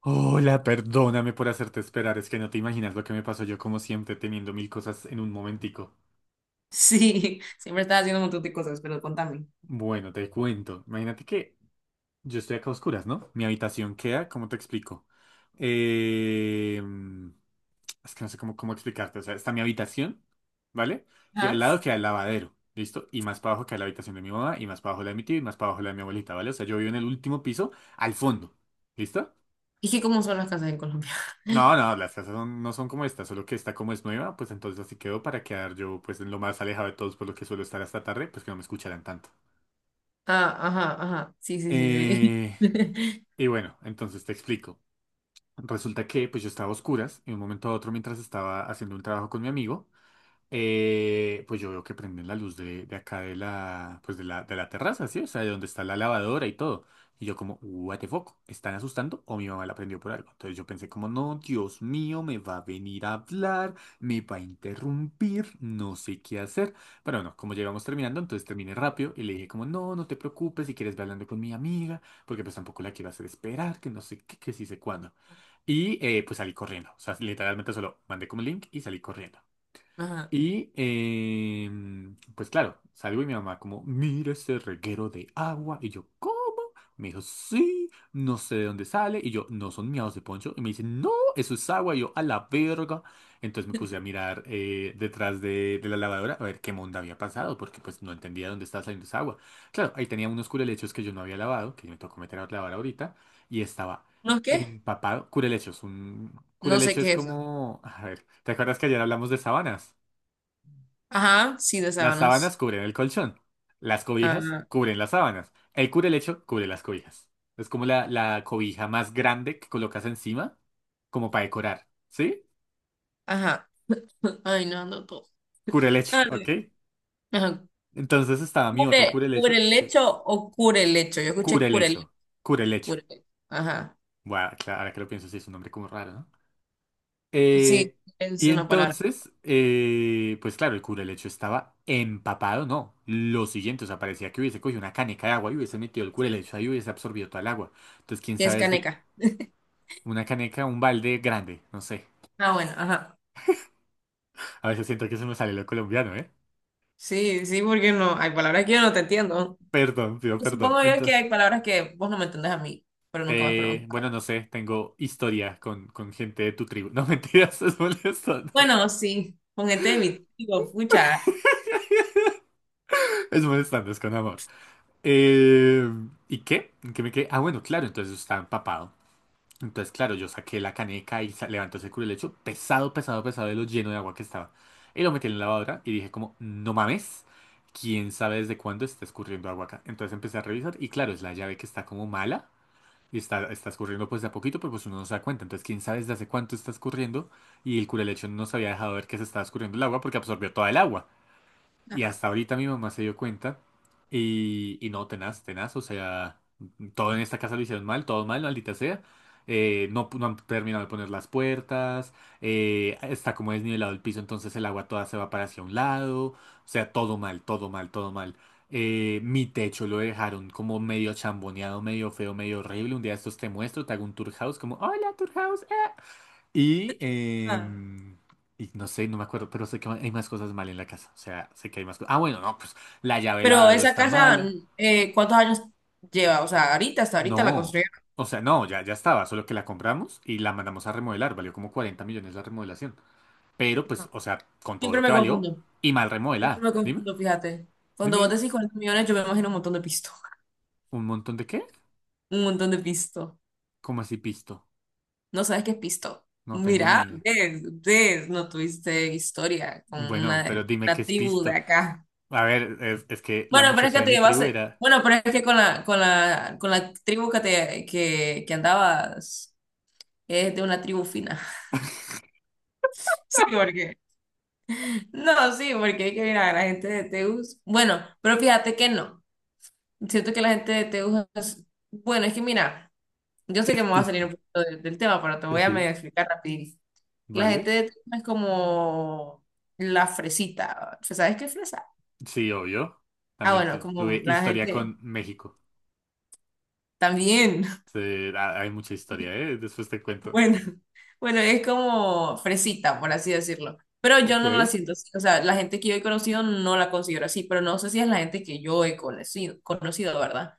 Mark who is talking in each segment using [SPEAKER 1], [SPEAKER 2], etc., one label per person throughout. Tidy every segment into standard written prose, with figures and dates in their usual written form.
[SPEAKER 1] Hola, perdóname por hacerte esperar, es que no te imaginas lo que me pasó yo como siempre teniendo mil cosas en un momentico.
[SPEAKER 2] Sí, siempre estás haciendo un montón de cosas, pero contame.
[SPEAKER 1] Bueno, te cuento. Imagínate que yo estoy acá a oscuras, ¿no? Mi habitación queda, ¿cómo te explico? Eh, es que no sé cómo explicarte. O sea, está mi habitación, ¿vale? Y al
[SPEAKER 2] Ajá.
[SPEAKER 1] lado queda el lavadero, ¿listo? Y más para abajo queda la habitación de mi mamá, y más para abajo la de mi tío, y más para abajo la de mi abuelita, ¿vale? O sea, yo vivo en el último piso, al fondo, ¿listo?
[SPEAKER 2] Es que cómo son las casas en Colombia.
[SPEAKER 1] No, no, las casas no son como esta, solo que esta como es nueva, pues entonces así quedó para quedar yo pues en lo más alejado de todos por lo que suelo estar hasta tarde, pues que no me escucharan tanto.
[SPEAKER 2] Ah, ajá, ajá. Sí, sí, sí, sí.
[SPEAKER 1] Eh, y bueno, entonces te explico. Resulta que pues yo estaba a oscuras y de un momento a otro mientras estaba haciendo un trabajo con mi amigo, pues yo veo que prenden la luz de acá de pues de de la terraza, ¿sí? O sea, de donde está la lavadora y todo. Y yo como, what the fuck, ¿están asustando o mi mamá la prendió por algo? Entonces yo pensé como, no, Dios mío, me va a venir a hablar, me va a interrumpir, no sé qué hacer. Pero bueno, como llegamos terminando, entonces terminé rápido y le dije como, no, no te preocupes, si quieres ve hablando con mi amiga, porque pues tampoco la quiero hacer esperar, que no sé qué, que sí sé cuándo. Y pues salí corriendo, o sea, literalmente solo mandé como el link y salí corriendo.
[SPEAKER 2] Ajá.
[SPEAKER 1] Y pues claro, salgo y mi mamá como, mira ese reguero de agua. Y yo, ¿cómo? Me dijo, sí, no sé de dónde sale. Y yo, no son miados de poncho. Y me dice, no, eso es agua. Y yo, a la verga. Entonces me puse a mirar detrás de la lavadora a ver qué monda había pasado, porque pues no entendía dónde estaba saliendo esa agua. Claro, ahí tenía unos curelechos que yo no había lavado, que me tocó meter a lavar ahorita, y estaba
[SPEAKER 2] ¿No qué?
[SPEAKER 1] empapado. Curelechos, un
[SPEAKER 2] No sé
[SPEAKER 1] curelecho es
[SPEAKER 2] qué es eso.
[SPEAKER 1] como, a ver, ¿te acuerdas que ayer hablamos de sabanas?
[SPEAKER 2] Ajá, sí, de
[SPEAKER 1] Las sábanas
[SPEAKER 2] sábanas.
[SPEAKER 1] cubren el colchón. Las cobijas
[SPEAKER 2] Ah,
[SPEAKER 1] cubren las sábanas. El cubrelecho cubre las cobijas. Es como la cobija más grande que colocas encima, como para decorar. ¿Sí?
[SPEAKER 2] ajá. Ay, no, no todo.
[SPEAKER 1] Cubrelecho,
[SPEAKER 2] Ah,
[SPEAKER 1] ¿ok?
[SPEAKER 2] ajá.
[SPEAKER 1] Entonces estaba mi otro
[SPEAKER 2] ¿Cubre, cubre
[SPEAKER 1] cubrelecho.
[SPEAKER 2] el
[SPEAKER 1] Sí.
[SPEAKER 2] lecho o cure el lecho? Yo escuché cure el
[SPEAKER 1] Cubrelecho. Cubrelecho.
[SPEAKER 2] cure el- Ajá.
[SPEAKER 1] Bueno, claro, ahora que lo pienso, sí es un nombre como raro, ¿no?
[SPEAKER 2] Sí,
[SPEAKER 1] Eh,
[SPEAKER 2] es
[SPEAKER 1] y
[SPEAKER 2] una palabra.
[SPEAKER 1] entonces, pues claro, el cubrelecho estaba empapado, no. Lo siguiente, o sea, parecía que hubiese cogido una caneca de agua y hubiese metido el cubrelecho ahí y hubiese absorbido toda el agua. Entonces, quién
[SPEAKER 2] ¿Qué es
[SPEAKER 1] sabe desde
[SPEAKER 2] caneca?
[SPEAKER 1] Una caneca, un balde grande, no sé.
[SPEAKER 2] Ah, bueno, ajá.
[SPEAKER 1] A veces siento que se me sale lo colombiano, ¿eh?
[SPEAKER 2] Sí, sí, porque no. Hay palabras que yo no te entiendo.
[SPEAKER 1] Perdón, pido perdón.
[SPEAKER 2] Supongo yo que
[SPEAKER 1] Entonces,
[SPEAKER 2] hay palabras que vos no me entendés a mí, pero nunca me has
[SPEAKER 1] bueno,
[SPEAKER 2] preguntado.
[SPEAKER 1] no sé, tengo historia con gente de tu tribu. No, mentiras, es molestando.
[SPEAKER 2] Bueno, sí, ponete mi digo, pucha.
[SPEAKER 1] Es molestando, es con amor. Eh, ¿Y qué? ¿En qué me quedé? Ah, bueno, claro, entonces está empapado. Entonces, claro, yo saqué la caneca y levantó ese curulecho pesado, pesado, pesado de lo lleno de agua que estaba. Y lo metí en la lavadora y dije como, no mames, quién sabe desde cuándo está escurriendo agua acá. Entonces empecé a revisar y claro, es la llave que está como mala y está escurriendo pues de a poquito, pero pues uno no se da cuenta. Entonces, quién sabe desde hace cuánto está escurriendo y el curulecho no se había dejado ver que se estaba escurriendo el agua porque absorbió toda el agua. Y
[SPEAKER 2] Ajá.
[SPEAKER 1] hasta ahorita mi mamá se dio cuenta. Y no, tenaz, tenaz. O sea, todo en esta casa lo hicieron mal, todo mal, maldita sea. No, no han terminado de poner las puertas. Está como desnivelado el piso, entonces el agua toda se va para hacia un lado. O sea, todo mal, todo mal, todo mal. Mi techo lo dejaron como medio chamboneado, medio feo, medio horrible. Un día de estos te muestro, te hago un tour house, como, hola, tour house. Y,
[SPEAKER 2] Ah.
[SPEAKER 1] y no sé, no me acuerdo, pero sé que hay más cosas mal en la casa. O sea, sé que hay más cosas. Ah, bueno, no, pues la llave del
[SPEAKER 2] Pero
[SPEAKER 1] ladro
[SPEAKER 2] esa
[SPEAKER 1] está
[SPEAKER 2] casa,
[SPEAKER 1] mala.
[SPEAKER 2] ¿cuántos años lleva? O sea, ahorita, hasta ahorita la
[SPEAKER 1] No,
[SPEAKER 2] construyeron.
[SPEAKER 1] o sea, no, ya estaba, solo que la compramos y la mandamos a remodelar. Valió como 40 millones la remodelación. Pero pues,
[SPEAKER 2] Ajá.
[SPEAKER 1] o sea, con todo
[SPEAKER 2] Siempre
[SPEAKER 1] lo
[SPEAKER 2] me
[SPEAKER 1] que valió
[SPEAKER 2] confundo,
[SPEAKER 1] y mal
[SPEAKER 2] siempre
[SPEAKER 1] remodelada.
[SPEAKER 2] me
[SPEAKER 1] Dime,
[SPEAKER 2] confundo, fíjate. Cuando vos
[SPEAKER 1] dime.
[SPEAKER 2] decís 40 millones, yo me imagino un montón de pisto,
[SPEAKER 1] ¿Un montón de qué?
[SPEAKER 2] un montón de pisto.
[SPEAKER 1] ¿Cómo así pisto?
[SPEAKER 2] No sabes qué es pisto.
[SPEAKER 1] No tengo ni
[SPEAKER 2] Mira,
[SPEAKER 1] idea.
[SPEAKER 2] ves, ves, no tuviste historia con
[SPEAKER 1] Bueno, pero
[SPEAKER 2] una,
[SPEAKER 1] dime qué
[SPEAKER 2] una
[SPEAKER 1] es
[SPEAKER 2] tribu de
[SPEAKER 1] pisto.
[SPEAKER 2] acá.
[SPEAKER 1] A ver, es que la
[SPEAKER 2] Bueno, pero es
[SPEAKER 1] muchacha
[SPEAKER 2] que
[SPEAKER 1] de mi tribu era...
[SPEAKER 2] con la tribu que andabas, es de una tribu fina. Sí, porque No, sí, porque hay que mira, la gente de Teus, bueno, pero fíjate que no. Siento que la gente de Teus es, bueno, es que mira, yo sé
[SPEAKER 1] ¿Qué
[SPEAKER 2] que
[SPEAKER 1] es
[SPEAKER 2] me va a salir
[SPEAKER 1] pisto?
[SPEAKER 2] un poquito del tema, pero te
[SPEAKER 1] Sí,
[SPEAKER 2] voy a
[SPEAKER 1] sí,
[SPEAKER 2] medio explicar rapidito. La gente
[SPEAKER 1] ¿vale?
[SPEAKER 2] de Teus es como la fresita. ¿Sabes qué es fresa?
[SPEAKER 1] Sí, obvio.
[SPEAKER 2] Ah,
[SPEAKER 1] También
[SPEAKER 2] bueno, como
[SPEAKER 1] tuve
[SPEAKER 2] la
[SPEAKER 1] historia
[SPEAKER 2] gente
[SPEAKER 1] con México.
[SPEAKER 2] también.
[SPEAKER 1] Sí, hay mucha historia, ¿eh? Después te cuento.
[SPEAKER 2] Bueno, bueno, es como fresita, por así decirlo. Pero yo
[SPEAKER 1] Ok,
[SPEAKER 2] no la siento así. O sea, la gente que yo he conocido no la considero así, pero no sé si es la gente que yo he conocido, conocido, ¿verdad?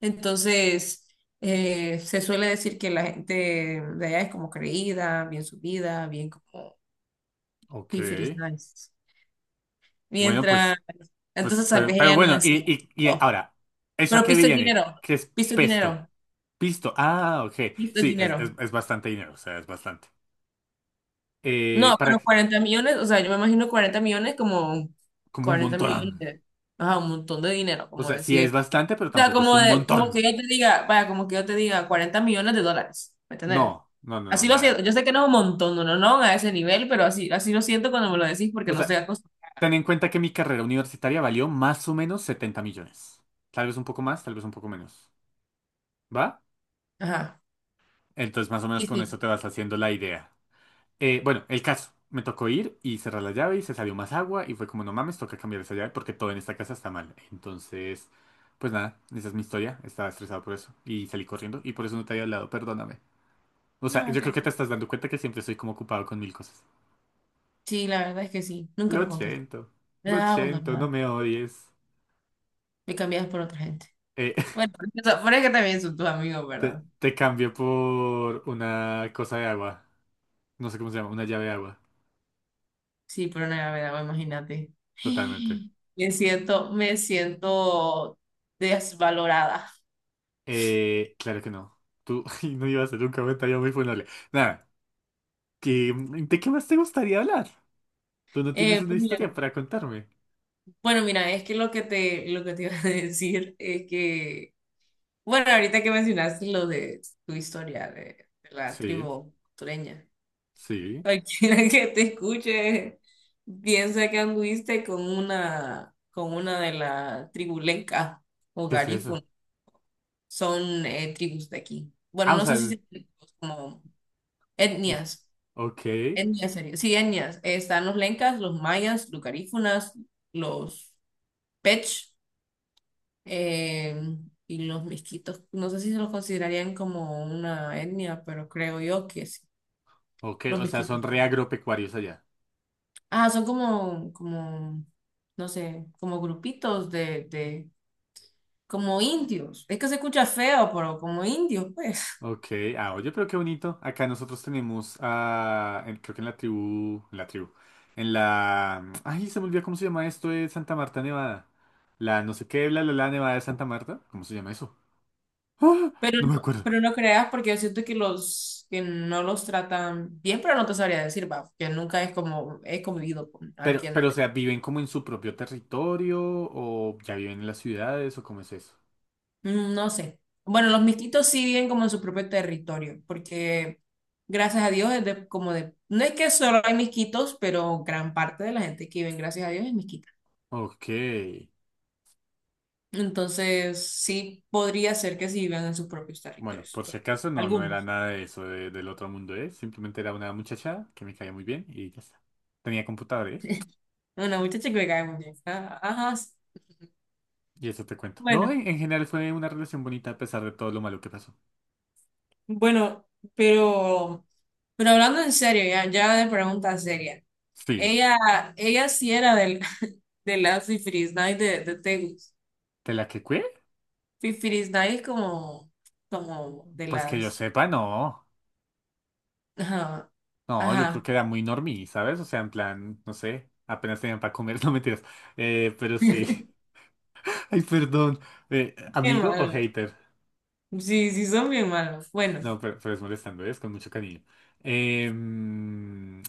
[SPEAKER 2] Entonces, se suele decir que la gente de allá es como creída, bien subida, bien como
[SPEAKER 1] ok.
[SPEAKER 2] fifris nice.
[SPEAKER 1] Bueno,
[SPEAKER 2] Mientras,
[SPEAKER 1] pues, pues,
[SPEAKER 2] entonces tal vez
[SPEAKER 1] pero
[SPEAKER 2] ella no es
[SPEAKER 1] bueno,
[SPEAKER 2] así.
[SPEAKER 1] y
[SPEAKER 2] Oh.
[SPEAKER 1] ahora, ¿eso a
[SPEAKER 2] Pero
[SPEAKER 1] qué
[SPEAKER 2] pisto es
[SPEAKER 1] viene?
[SPEAKER 2] dinero,
[SPEAKER 1] ¿Qué es
[SPEAKER 2] pisto es
[SPEAKER 1] pesto?
[SPEAKER 2] dinero,
[SPEAKER 1] Pisto. Ah, ok.
[SPEAKER 2] pisto es
[SPEAKER 1] Sí,
[SPEAKER 2] dinero.
[SPEAKER 1] es bastante dinero, o sea, es bastante.
[SPEAKER 2] No,
[SPEAKER 1] Para,
[SPEAKER 2] pero
[SPEAKER 1] que-
[SPEAKER 2] 40 millones, o sea, yo me imagino 40 millones como
[SPEAKER 1] como un
[SPEAKER 2] 40 millones,
[SPEAKER 1] montón.
[SPEAKER 2] ajá, un montón de dinero,
[SPEAKER 1] O
[SPEAKER 2] como
[SPEAKER 1] sea, sí
[SPEAKER 2] decir,
[SPEAKER 1] es bastante, pero
[SPEAKER 2] o sea,
[SPEAKER 1] tampoco es
[SPEAKER 2] como,
[SPEAKER 1] un
[SPEAKER 2] de, como
[SPEAKER 1] montón.
[SPEAKER 2] que yo te diga, vaya, como que yo te diga 40 millones de dólares, ¿me entiendes?
[SPEAKER 1] No, no, no, no,
[SPEAKER 2] Así lo siento,
[SPEAKER 1] nada.
[SPEAKER 2] yo sé que no es un montón, no, no, no, a ese nivel, pero así, así lo siento cuando me lo decís porque
[SPEAKER 1] O
[SPEAKER 2] no
[SPEAKER 1] sea,
[SPEAKER 2] estoy acostumbrada.
[SPEAKER 1] ten en cuenta que mi carrera universitaria valió más o menos 70 millones. Tal vez un poco más, tal vez un poco menos. ¿Va?
[SPEAKER 2] Ajá,
[SPEAKER 1] Entonces, más o menos
[SPEAKER 2] y
[SPEAKER 1] con
[SPEAKER 2] sí.
[SPEAKER 1] eso te vas haciendo la idea. Bueno, el caso. Me tocó ir y cerrar la llave y se salió más agua y fue como, no mames, toca cambiar esa llave porque todo en esta casa está mal. Entonces, pues nada, esa es mi historia. Estaba estresado por eso y salí corriendo y por eso no te había hablado, perdóname. O sea,
[SPEAKER 2] No,
[SPEAKER 1] yo creo que te
[SPEAKER 2] tranquilo.
[SPEAKER 1] estás dando cuenta que siempre estoy como ocupado con mil cosas.
[SPEAKER 2] Sí, la verdad es que sí, nunca me
[SPEAKER 1] Lo
[SPEAKER 2] contesté.
[SPEAKER 1] siento,
[SPEAKER 2] Me
[SPEAKER 1] lo
[SPEAKER 2] dejaba
[SPEAKER 1] siento, no
[SPEAKER 2] abandonada,
[SPEAKER 1] me odies.
[SPEAKER 2] me cambiabas por otra gente.
[SPEAKER 1] Eh,
[SPEAKER 2] Bueno, por pero es que también son tus amigos, ¿verdad?
[SPEAKER 1] Te cambio por una cosa de agua. No sé cómo se llama, una llave de agua.
[SPEAKER 2] Sí, pero no me agua, imagínate.
[SPEAKER 1] Totalmente.
[SPEAKER 2] Me siento desvalorada.
[SPEAKER 1] Claro que no. Tú ay, no ibas a hacer un comentario muy funable. Nada, ¿de qué más te gustaría hablar? Tú no tienes una
[SPEAKER 2] Pues mira,
[SPEAKER 1] historia para contarme.
[SPEAKER 2] bueno, mira, es que lo que te iba a decir es que, bueno, ahorita que mencionaste lo de tu historia de la
[SPEAKER 1] Sí,
[SPEAKER 2] tribu costeña,
[SPEAKER 1] sí.
[SPEAKER 2] cualquiera que te escuche piensa que anduviste con una de la tribu lenca o
[SPEAKER 1] ¿Qué es eso?
[SPEAKER 2] garífuna. Son tribus de aquí. Bueno,
[SPEAKER 1] Ah, o
[SPEAKER 2] no
[SPEAKER 1] sea,
[SPEAKER 2] sé si como Etnias,
[SPEAKER 1] ok,
[SPEAKER 2] etnias sería. Sí, etnias. Están los lencas, los mayas, los garífunas, los pech eh, y los misquitos. No sé si se los considerarían como una etnia, pero creo yo que sí.
[SPEAKER 1] ok.
[SPEAKER 2] Los
[SPEAKER 1] O sea,
[SPEAKER 2] misquitos
[SPEAKER 1] son re
[SPEAKER 2] también.
[SPEAKER 1] agropecuarios allá.
[SPEAKER 2] Ah, son como, no sé, como grupitos como indios. Es que se escucha feo, pero como indios, pues.
[SPEAKER 1] Ok, ah, oye, pero qué bonito. Acá nosotros tenemos, ah, creo que en la tribu, en la, ay, se me olvidó cómo se llama esto de Santa Marta, Nevada. La no sé qué, bla, bla, bla, Nevada de Santa Marta. ¿Cómo se llama eso? ¡Ah! No me acuerdo.
[SPEAKER 2] Pero no creas porque yo siento que los que no los tratan bien, pero no te sabría decir, va, que nunca es como he convivido con
[SPEAKER 1] Pero,
[SPEAKER 2] alguien
[SPEAKER 1] o
[SPEAKER 2] de-
[SPEAKER 1] sea, ¿viven como en su propio territorio o ya viven en las ciudades o cómo es eso?
[SPEAKER 2] No sé. Bueno, los mixtitos sí viven como en su propio territorio, porque gracias a Dios es de, como de, no es que solo hay mixquitos, pero gran parte de la gente que vive, gracias a Dios, es mixquita.
[SPEAKER 1] Ok.
[SPEAKER 2] Entonces, sí podría ser que sí vivan en sus propios
[SPEAKER 1] Bueno,
[SPEAKER 2] territorios
[SPEAKER 1] por si
[SPEAKER 2] todavía.
[SPEAKER 1] acaso no, no era
[SPEAKER 2] Algunos.
[SPEAKER 1] nada de eso de- del otro mundo, ¿eh? Simplemente era una muchacha que me caía muy bien y ya está. Tenía computador, ¿eh?
[SPEAKER 2] Una muchacha que me cae muy bien. Ah, ajá, sí.
[SPEAKER 1] Y eso te cuento. No,
[SPEAKER 2] Bueno.
[SPEAKER 1] en general fue una relación bonita a pesar de todo lo malo que pasó.
[SPEAKER 2] Bueno, pero, pero hablando en serio, ya, ya de pregunta seria.
[SPEAKER 1] Sí.
[SPEAKER 2] Ella, ella sí era de las Fifiris Night de Tegus.
[SPEAKER 1] ¿De la que cué?
[SPEAKER 2] Fifiris Night es como de
[SPEAKER 1] Pues que yo
[SPEAKER 2] las.
[SPEAKER 1] sepa, no.
[SPEAKER 2] Ajá.
[SPEAKER 1] No, yo creo
[SPEAKER 2] Ajá.
[SPEAKER 1] que era muy normie, ¿sabes? O sea, en plan, no sé, apenas tenían para comer, no mentiras. Pero sí. Ay, perdón.
[SPEAKER 2] Qué
[SPEAKER 1] ¿Amigo o
[SPEAKER 2] malo.
[SPEAKER 1] hater?
[SPEAKER 2] Sí, sí, son bien malos. Bueno,
[SPEAKER 1] No, pero es molestando, es con mucho cariño. Em,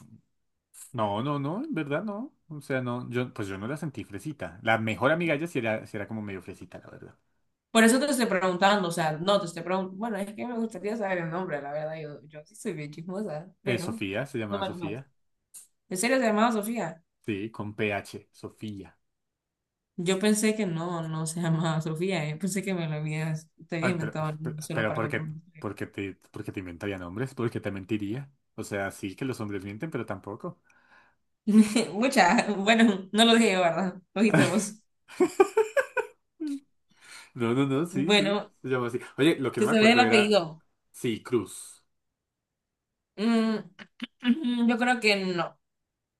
[SPEAKER 1] no, no, no, en verdad no. O sea, no, yo, pues yo no la sentí fresita. La mejor amiga ya sí era como medio fresita, la verdad.
[SPEAKER 2] por eso te estoy preguntando, o sea, no te estoy preguntando. Bueno, es que me gustaría saber el nombre, la verdad. Yo sí soy bien chismosa, pero
[SPEAKER 1] Sofía, se
[SPEAKER 2] no
[SPEAKER 1] llamaba
[SPEAKER 2] vale más.
[SPEAKER 1] Sofía.
[SPEAKER 2] ¿En serio se llamaba Sofía?
[SPEAKER 1] Sí, con PH. Sofía.
[SPEAKER 2] Yo pensé que no, no se llamaba Sofía. Yo pensé que te habías
[SPEAKER 1] Ay,
[SPEAKER 2] inventado el nombre solo
[SPEAKER 1] pero,
[SPEAKER 2] para
[SPEAKER 1] ¿por qué,
[SPEAKER 2] contarme
[SPEAKER 1] por qué por qué te inventaría nombres? ¿Por qué te mentiría? O sea, sí que los hombres mienten, pero tampoco.
[SPEAKER 2] una historia. Bueno, no lo dije yo, ¿verdad? Lo dijiste vos.
[SPEAKER 1] No, no, no, sí, sí.
[SPEAKER 2] Bueno,
[SPEAKER 1] Se llama así. Oye, lo que no
[SPEAKER 2] ¿te
[SPEAKER 1] me
[SPEAKER 2] sabes el
[SPEAKER 1] acuerdo era.
[SPEAKER 2] apellido?
[SPEAKER 1] Sí, Cruz.
[SPEAKER 2] Mm, yo creo que no.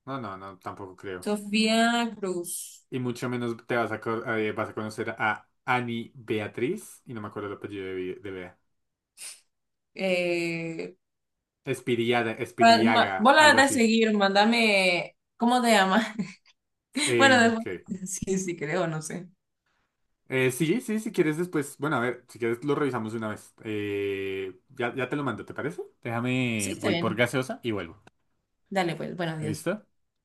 [SPEAKER 1] No, no, no, tampoco creo.
[SPEAKER 2] Sofía Cruz.
[SPEAKER 1] Y mucho menos te vas a, vas a conocer a Ani Beatriz. Y no me acuerdo el apellido de, de Bea.
[SPEAKER 2] Eh,
[SPEAKER 1] Espiriada,
[SPEAKER 2] pa- ma-
[SPEAKER 1] Espiriaga,
[SPEAKER 2] vos la
[SPEAKER 1] algo
[SPEAKER 2] das a
[SPEAKER 1] así.
[SPEAKER 2] seguir, mándame. ¿Cómo te llamas? Bueno,
[SPEAKER 1] ¿En
[SPEAKER 2] después.
[SPEAKER 1] qué?
[SPEAKER 2] Sí, sí, creo, no sé.
[SPEAKER 1] Sí, sí, si quieres después, bueno, a ver, si quieres lo revisamos una vez. Ya te lo mando, ¿te parece?
[SPEAKER 2] Sí,
[SPEAKER 1] Déjame,
[SPEAKER 2] está
[SPEAKER 1] voy por
[SPEAKER 2] bien.
[SPEAKER 1] gaseosa y vuelvo.
[SPEAKER 2] Dale, pues, bueno, adiós.
[SPEAKER 1] ¿Listo?